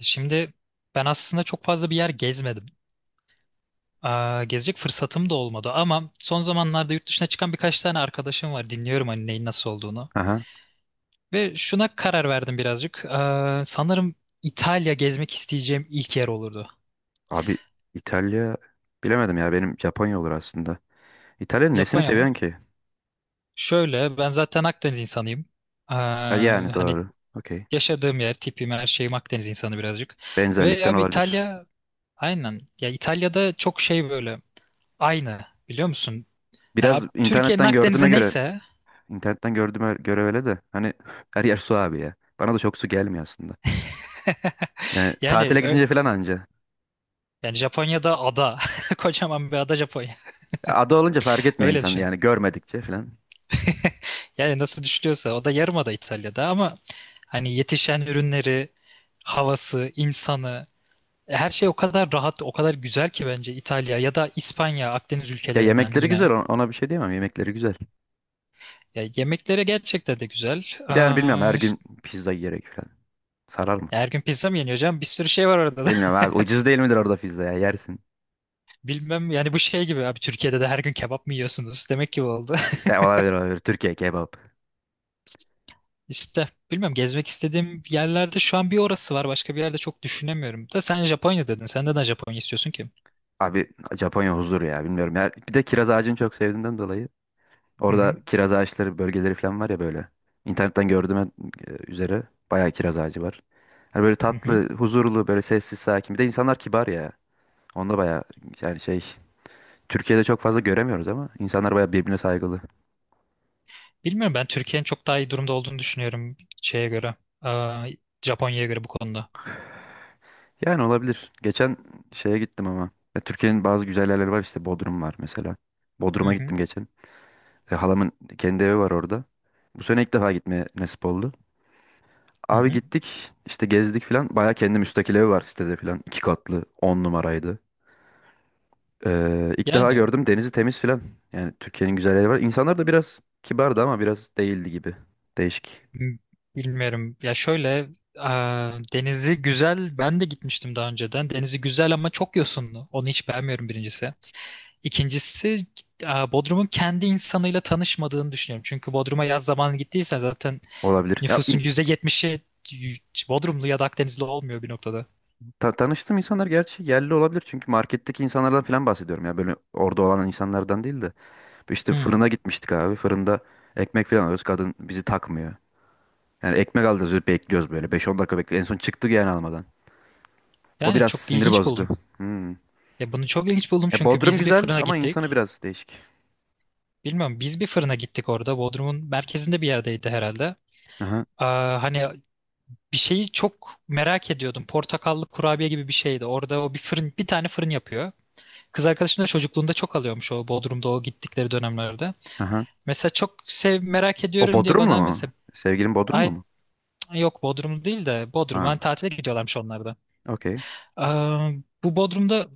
Şimdi ben aslında çok fazla bir yer gezmedim. Gezecek fırsatım da olmadı ama son zamanlarda yurt dışına çıkan birkaç tane arkadaşım var. Dinliyorum hani neyin nasıl olduğunu. Aha. Ve şuna karar verdim birazcık. Sanırım İtalya gezmek isteyeceğim ilk yer olurdu. Abi İtalya bilemedim ya benim Japonya olur aslında. İtalya'nın nesini Japonya mı? seviyorsun ki? Şöyle ben zaten Akdeniz insanıyım. Aa, Ha, Yani hani doğru. Okey. yaşadığım yer, tipim, her şeyim Akdeniz insanı birazcık. Ve Benzerlikten abi olabilir. İtalya aynen. Ya İtalya'da çok şey böyle aynı biliyor musun? Ya, Biraz Türkiye'nin internetten gördüğüme Akdeniz'i göre neyse. internetten gördüğüme göre öyle de hani her yer su abi ya. Bana da çok su gelmiyor aslında. Yani Yani tatile ö- gidince falan anca. Yani Japonya'da ada. Kocaman bir ada Japonya. Ada olunca fark etmiyor Öyle insan düşün. yani görmedikçe falan. Yani nasıl düşünüyorsa o da yarımada İtalya'da ama hani yetişen ürünleri, havası, insanı, her şey o kadar rahat, o kadar güzel ki bence İtalya ya da İspanya, Akdeniz Ya ülkelerinden yemekleri yine. güzel ona bir şey diyemem yemekleri güzel. Ya yemekleri gerçekten de güzel. Bir de yani bilmiyorum her gün İşte pizza yiyerek falan. Sarar mı? her gün pizza mı yeniyor canım? Bir sürü şey var orada da. Bilmiyorum abi ucuz değil midir orada pizza ya yersin. Bilmem yani bu şey gibi abi, Türkiye'de de her gün kebap mı yiyorsunuz? Demek ki bu oldu. Ya olabilir olabilir. Türkiye kebap. İşte bilmiyorum, gezmek istediğim yerlerde şu an bir orası var. Başka bir yerde çok düşünemiyorum. Da sen Japonya dedin. Sen neden Japonya istiyorsun ki? Abi Japonya huzur ya bilmiyorum. Ya, bir de kiraz ağacını çok sevdiğimden dolayı. Hı Orada hı. kiraz ağaçları bölgeleri falan var ya böyle. İnternetten gördüğüme üzere bayağı kiraz ağacı var. Hani böyle Hı hı. tatlı, huzurlu, böyle sessiz, sakin. Bir de insanlar kibar ya. Onda bayağı yani şey Türkiye'de çok fazla göremiyoruz ama insanlar bayağı birbirine saygılı. Bilmiyorum, ben Türkiye'nin çok daha iyi durumda olduğunu düşünüyorum şeye göre. Aa, Japonya'ya göre bu konuda. Yani olabilir. Geçen şeye gittim ama. Ya, Türkiye'nin bazı güzel yerleri var işte Bodrum var mesela. Hı Bodrum'a hı. gittim geçen. Halamın kendi evi var orada. Bu sene ilk defa gitmeye nasip oldu. Hı Abi hı. gittik işte gezdik filan. Baya kendi müstakil evi var sitede filan. İki katlı on numaraydı. İlk defa Yani gördüm denizi temiz filan. Yani Türkiye'nin güzel yeri var. İnsanlar da biraz kibardı ama biraz değildi gibi. Değişik m- Bilmiyorum. Ya şöyle, denizi güzel. Ben de gitmiştim daha önceden. Denizi güzel ama çok yosunlu. Onu hiç beğenmiyorum birincisi. İkincisi, Bodrum'un kendi insanıyla tanışmadığını düşünüyorum. Çünkü Bodrum'a yaz zamanı gittiysen zaten olabilir. Nüfusun %70'i Bodrumlu ya da Akdenizli olmuyor bir noktada. Tanıştığım insanlar gerçi yerli olabilir. Çünkü marketteki insanlardan filan bahsediyorum. Ya böyle orada olan insanlardan değil de. İşte Hmm. fırına gitmiştik abi. Fırında ekmek filan alıyoruz. Kadın bizi takmıyor. Yani ekmek alacağız bekliyoruz böyle. Beş on dakika bekliyoruz. En son çıktık yani almadan. O Yani biraz çok sinir ilginç bozdu. buldum. Hmm. Ya bunu çok ilginç buldum çünkü Bodrum biz bir güzel fırına ama insanı gittik. biraz değişik. Bilmiyorum, biz bir fırına gittik orada. Bodrum'un merkezinde bir yerdeydi herhalde. Aha, Hani bir şeyi çok merak ediyordum. Portakallı kurabiye gibi bir şeydi. Orada o bir fırın, bir tane fırın yapıyor. Kız arkadaşım da çocukluğunda çok alıyormuş o Bodrum'da o gittikleri dönemlerde. aha. Mesela merak O ediyorum diye Bodrumlu bana mu? mesela, Sevgilin Bodrumlu ay mu? yok, Bodrum değil de Bodrum'a Ha, tatile gidiyorlarmış onlar da. okey. Aa, Bu Bodrum'da,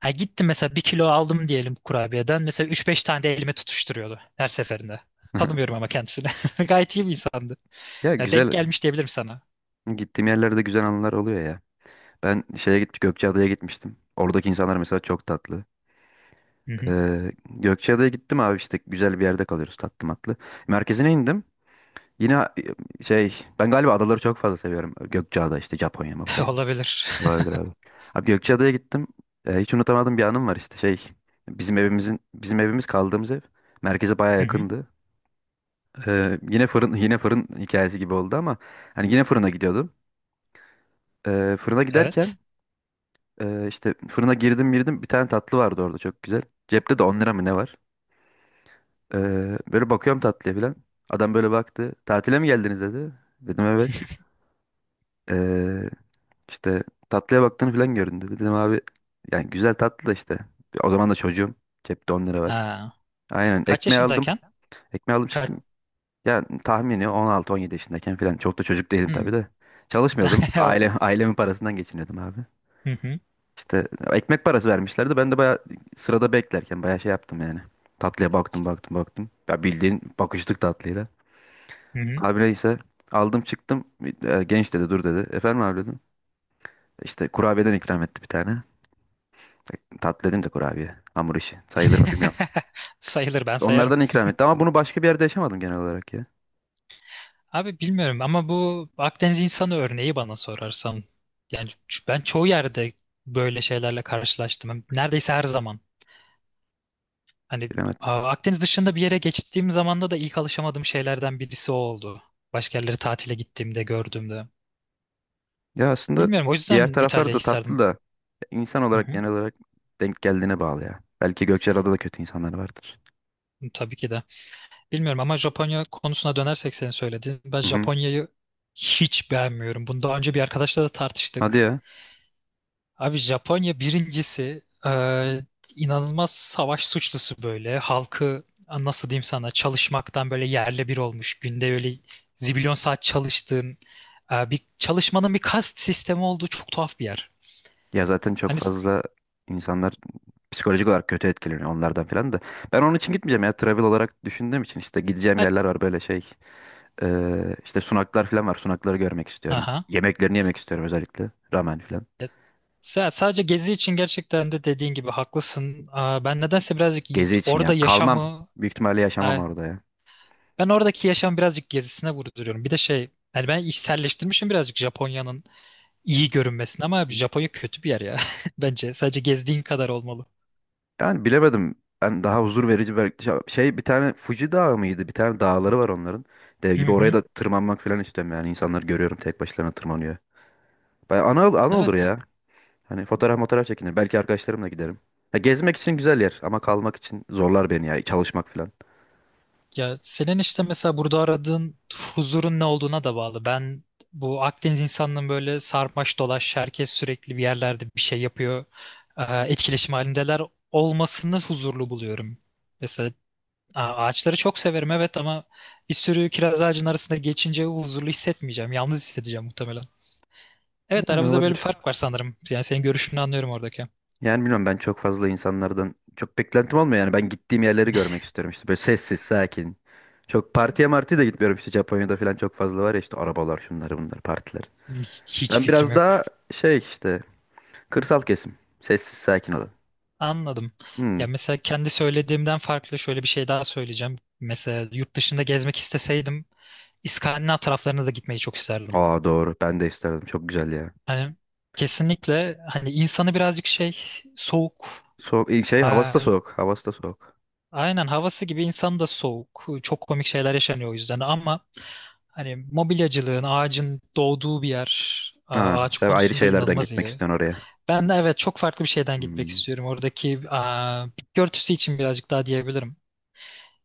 ha, gittim mesela bir kilo aldım diyelim kurabiyeden. Mesela üç beş tane de elime tutuşturuyordu her seferinde. Tanımıyorum ama kendisini. Gayet iyi bir insandı. Ya Ya, denk güzel. gelmiş diyebilirim sana. Gittiğim yerlerde güzel anılar oluyor ya. Ben şeye gittim, Gökçeada'ya gitmiştim. Oradaki insanlar mesela çok tatlı. Hı hı. Gökçeada'ya gittim abi işte güzel bir yerde kalıyoruz tatlı matlı. Merkezine indim. Yine şey ben galiba adaları çok fazla seviyorum. Gökçeada işte Japonya, Japonya. Olabilir. Olabilir abi. Abi Gökçeada'ya gittim. Hiç unutamadığım bir anım var işte şey. Bizim evimiz kaldığımız ev merkeze baya Hı hı. yakındı. Yine fırın yine fırın hikayesi gibi oldu ama hani yine fırına gidiyordum. Fırına Evet. giderken işte fırına girdim bir tane tatlı vardı orada çok güzel. Cepte de 10 lira mı ne var? E, Böyle bakıyorum tatlıya falan. Adam böyle baktı. Tatile mi geldiniz dedi. Dedim evet. Ee, İşte tatlıya baktığını falan göründü. Dedim abi yani güzel tatlı da işte. O zaman da çocuğum. Cepte 10 lira var. Ha. Aynen Kaç ekmeği aldım. yaşındayken? Ekmeği aldım Kaç? çıktım. Ya tahmini 16-17 yaşındayken falan. Çok da çocuk değilim tabii Hmm. de. Çalışmıyordum. Aile, ailemin parasından geçiniyordum abi. Hı hı. İşte ekmek parası vermişlerdi. Ben de bayağı sırada beklerken bayağı şey yaptım yani. Tatlıya baktım baktım baktım. Ya bildiğin bakıştık tatlıyla. Hı hı. Abi neyse aldım çıktım. Genç dedi dur dedi. Efendim abi dedim. İşte kurabiyeden ikram etti bir tane. Tatlı dedim de kurabiye. Hamur işi. Sayılır mı bilmiyorum. Sayılır, ben sayarım. Onlardan ikram etti ama bunu başka bir yerde yaşamadım genel olarak ya. Abi bilmiyorum ama bu Akdeniz insanı örneği bana sorarsan. Ben çoğu yerde böyle şeylerle karşılaştım. Neredeyse her zaman. Hani Bilemedim. Akdeniz dışında bir yere geçtiğim zamanda da ilk alışamadığım şeylerden birisi o oldu. Başka yerlere tatile gittiğimde, gördüğümde. Ya aslında Bilmiyorum, o diğer yüzden taraflar İtalya'yı da tatlı isterdim. da insan Hı olarak hı. genel olarak denk geldiğine bağlı ya. Belki Gökçeada'da da kötü insanlar vardır. Tabii ki de. Bilmiyorum ama Japonya konusuna dönersek senin söylediğin. Ben Hı hı. Japonya'yı hiç beğenmiyorum. Bunu daha önce bir arkadaşla da Hadi tartıştık. ya. Abi Japonya birincisi inanılmaz savaş suçlusu böyle. Halkı, nasıl diyeyim sana, çalışmaktan böyle yerle bir olmuş. Günde öyle zibilyon saat çalıştığın, bir çalışmanın bir kast sistemi olduğu çok tuhaf bir yer. Ya zaten çok Hani s- fazla insanlar psikolojik olarak kötü etkileniyor onlardan falan da. Ben onun için gitmeyeceğim ya. Travel olarak düşündüğüm için işte gideceğim ha, yerler var böyle şey. İşte sunaklar falan var. Sunakları görmek istiyorum. aha. Yemeklerini yemek istiyorum özellikle. Ramen falan. E, sadece gezi için gerçekten de dediğin gibi haklısın. Ben nedense birazcık Gezi için ya. orada Kalmam. yaşamı, Büyük ihtimalle yaşamam e, orada ya. ben oradaki yaşamı birazcık gezisine vurduruyorum. Bir de şey, yani ben içselleştirmişim birazcık Japonya'nın iyi görünmesin, ama abi Japonya kötü bir yer ya. Bence sadece gezdiğin kadar olmalı. Yani bilemedim. Ben daha huzur verici belki şey şey, bir tane Fuji Dağı mıydı? Bir tane dağları var onların. Dev Hı gibi oraya hı. da tırmanmak falan istiyorum yani. İnsanları görüyorum tek başlarına tırmanıyor. Baya ana, ana olur Evet. ya. Hani fotoğraf fotoğraf çekinir. Belki arkadaşlarımla giderim. Ya gezmek için güzel yer ama kalmak için zorlar beni ya. Çalışmak falan. Ya senin işte mesela burada aradığın huzurun ne olduğuna da bağlı. Ben bu Akdeniz insanının böyle sarmaş dolaş herkes sürekli bir yerlerde bir şey yapıyor, e, etkileşim halindeler olmasını huzurlu buluyorum. Mesela ağaçları çok severim evet, ama bir sürü kiraz ağacının arasında geçince huzurlu hissetmeyeceğim. Yalnız hissedeceğim muhtemelen. Evet Yani aramızda böyle bir olabilir. fark var sanırım. Yani senin görüşünü anlıyorum oradaki. Yani bilmiyorum ben çok fazla insanlardan çok beklentim olmuyor yani ben gittiğim yerleri görmek istiyorum işte böyle sessiz sakin. Çok partiye martiye de gitmiyorum işte Japonya'da falan çok fazla var ya işte arabalar şunları bunlar partiler. Hiç Ben fikrim biraz yok. daha şey işte kırsal kesim sessiz sakin olan. Anladım. Hmm. Ya mesela kendi söylediğimden farklı şöyle bir şey daha söyleyeceğim. Mesela yurt dışında gezmek isteseydim İskandinav taraflarına da gitmeyi çok isterdim. Aa doğru ben de isterdim çok güzel ya. Hani kesinlikle hani insanı birazcık şey, soğuk. Soğuk iyi şey havası da Ay- soğuk havası da soğuk. Aynen havası gibi insan da soğuk. Çok komik şeyler yaşanıyor o yüzden, ama hani mobilyacılığın, ağacın doğduğu bir yer, Ha, ağaç sen ayrı konusunda şeylerden inanılmaz gitmek iyi. istiyorsun oraya. Ben de evet çok farklı bir şeyden gitmek Hmm. istiyorum. Oradaki bitki örtüsü için birazcık daha diyebilirim.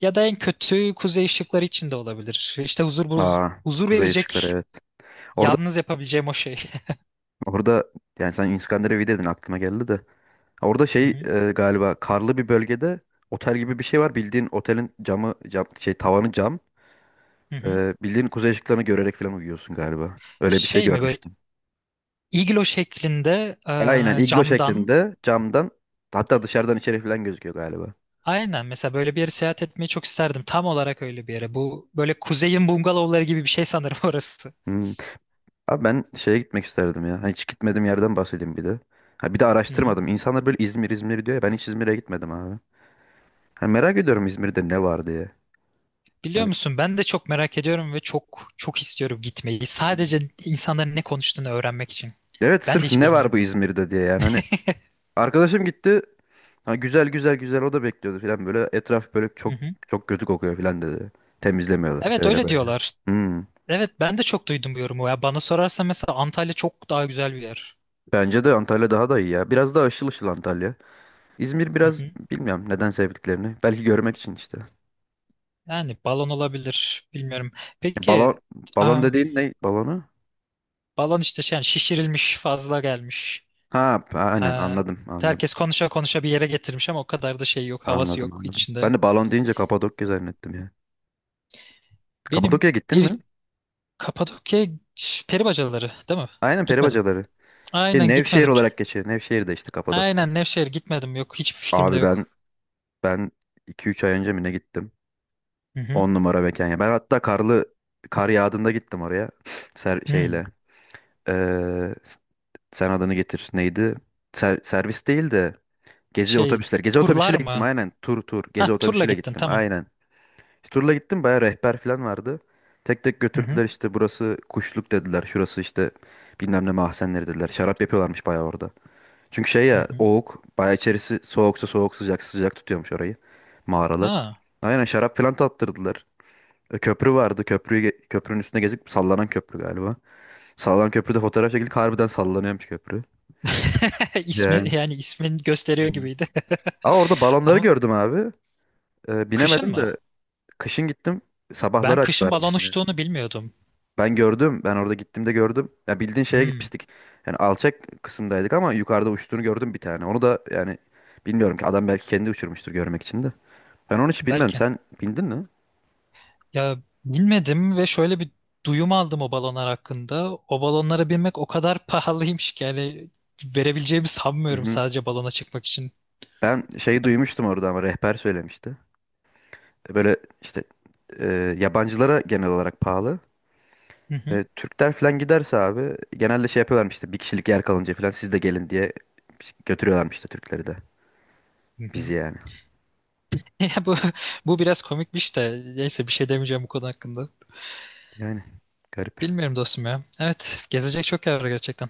Ya da en kötü kuzey ışıkları için de olabilir. İşte huzur Aa huzur kuzey ışıkları verecek evet. Orada yalnız yapabileceğim o şey. orada yani sen İskandinavya'daydın aklıma geldi de. Orada Hı şey hı. Galiba karlı bir bölgede otel gibi bir şey var. Bildiğin otelin camı cam şey tavanı cam. Hı hı. Bildiğin kuzey ışıklarını görerek falan uyuyorsun galiba. Öyle bir şey Şey mi böyle, görmüştüm. iglo şeklinde, Aynen iglo camdan. şeklinde camdan hatta dışarıdan içeri falan gözüküyor galiba. Aynen mesela böyle bir yere seyahat etmeyi çok isterdim. Tam olarak öyle bir yere. Bu böyle kuzeyin bungalovları gibi bir şey sanırım orası. Hmm. Abi ben şeye gitmek isterdim ya. Hani hiç gitmediğim yerden bahsedeyim bir de. Ha, bir de Hı hı. araştırmadım. İnsanlar böyle İzmir İzmir diyor ya ben hiç İzmir'e gitmedim abi. Ha, merak ediyorum İzmir'de ne var diye. Biliyor Hani- musun, ben de çok merak ediyorum ve çok çok istiyorum gitmeyi. Sadece insanların ne konuştuğunu öğrenmek için. Evet Ben de sırf hiç ne var bilmiyorum. bu İzmir'de diye yani hani arkadaşım gitti. Ha, güzel güzel güzel o da bekliyordu falan böyle. Etraf böyle Hı çok hı. çok kötü kokuyor falan dedi. Temizlemiyorlar Evet şöyle öyle böyle. diyorlar. Hmm. Evet ben de çok duydum bu yorumu. Ya bana sorarsan mesela Antalya çok daha güzel bir yer. Bence de Antalya daha da iyi ya. Biraz daha ışıl ışıl Antalya. İzmir Hı biraz hı. bilmiyorum neden sevdiklerini. Belki görmek için işte. Yani balon olabilir. Bilmiyorum. Balon Peki, balon aa, dediğin ne? Balonu? balon işte şey, yani şişirilmiş, fazla gelmiş. Ha, aynen Aa, anladım anladım. Herkes konuşa konuşa bir yere getirmiş ama o kadar da şey yok. Havası Anladım yok anladım. içinde. Ben de balon deyince Kapadokya zannettim ya. Benim Kapadokya'ya gittin mi? bir Kapadokya peri bacaları değil mi? Aynen peri Gitmedim. bacaları. Aynen Nevşehir gitmedim. Çok- olarak geçiyor. Nevşehir de işte Kapadokya. Aynen Nevşehir gitmedim. Yok hiçbir fikrim de Abi ben yok. Ben iki üç ay önce mi ne gittim? Hı hı. On numara mekan ya. Ben hatta karlı kar yağdığında gittim oraya. Ser, Hı. şeyle. Ee, s- Sen adını getir. Neydi? Servis değil de gezi Şey, otobüsleri. Gezi turlar otobüsüyle gittim mı? aynen. Tur tur. Ha, Gezi turla otobüsüyle gittin gittim tamam. aynen. İşte turla gittim bayağı rehber falan vardı. Tek tek Hı hı. götürdüler işte burası kuşluk dediler. Şurası işte bilmem ne mahzenleri dediler. Şarap yapıyorlarmış bayağı orada. Çünkü şey Hı ya hı. oğuk bayağı içerisi soğuksa soğuk sıcak sıcak tutuyormuş orayı mağaralar. Aa. Aynen şarap falan tattırdılar. Köprü vardı. Köprünün üstüne gezip sallanan köprü galiba. Sallanan köprüde fotoğraf çekildik. Harbiden sallanıyormuş köprü. İsmi Yani. yani ismin gösteriyor Hmm. gibiydi. Ama orada balonları Ama gördüm abi. Kışın Binemedim mı? de kışın gittim. Ben Sabahları kışın balon açıyorlarmış yine. uçtuğunu bilmiyordum. Ben gördüm. Ben orada gittiğimde gördüm. Ya bildiğin şeye Hmm, gitmiştik. Yani alçak kısımdaydık ama yukarıda uçtuğunu gördüm bir tane. Onu da yani bilmiyorum ki adam belki kendi uçurmuştur görmek için de. Ben onu hiç bilmem. belki. Sen bildin mi? Ya bilmedim ve şöyle bir duyum aldım o balonlar hakkında. O balonlara binmek o kadar pahalıymış ki yani verebileceğimi Hı sanmıyorum hı. sadece balona çıkmak için. Ben şeyi Yani- duymuştum orada ama rehber söylemişti. Böyle işte e, yabancılara genel olarak pahalı. Hı hı. Ve Türkler falan giderse abi genelde şey yapıyorlarmış işte bir kişilik yer kalınca falan siz de gelin diye götürüyorlarmış işte Türkleri de. Hı Bizi hı. yani. Ya bu biraz komikmiş de neyse bir şey demeyeceğim bu konu hakkında. Yani garip. Bilmiyorum dostum ya. Evet gezecek çok yer var gerçekten.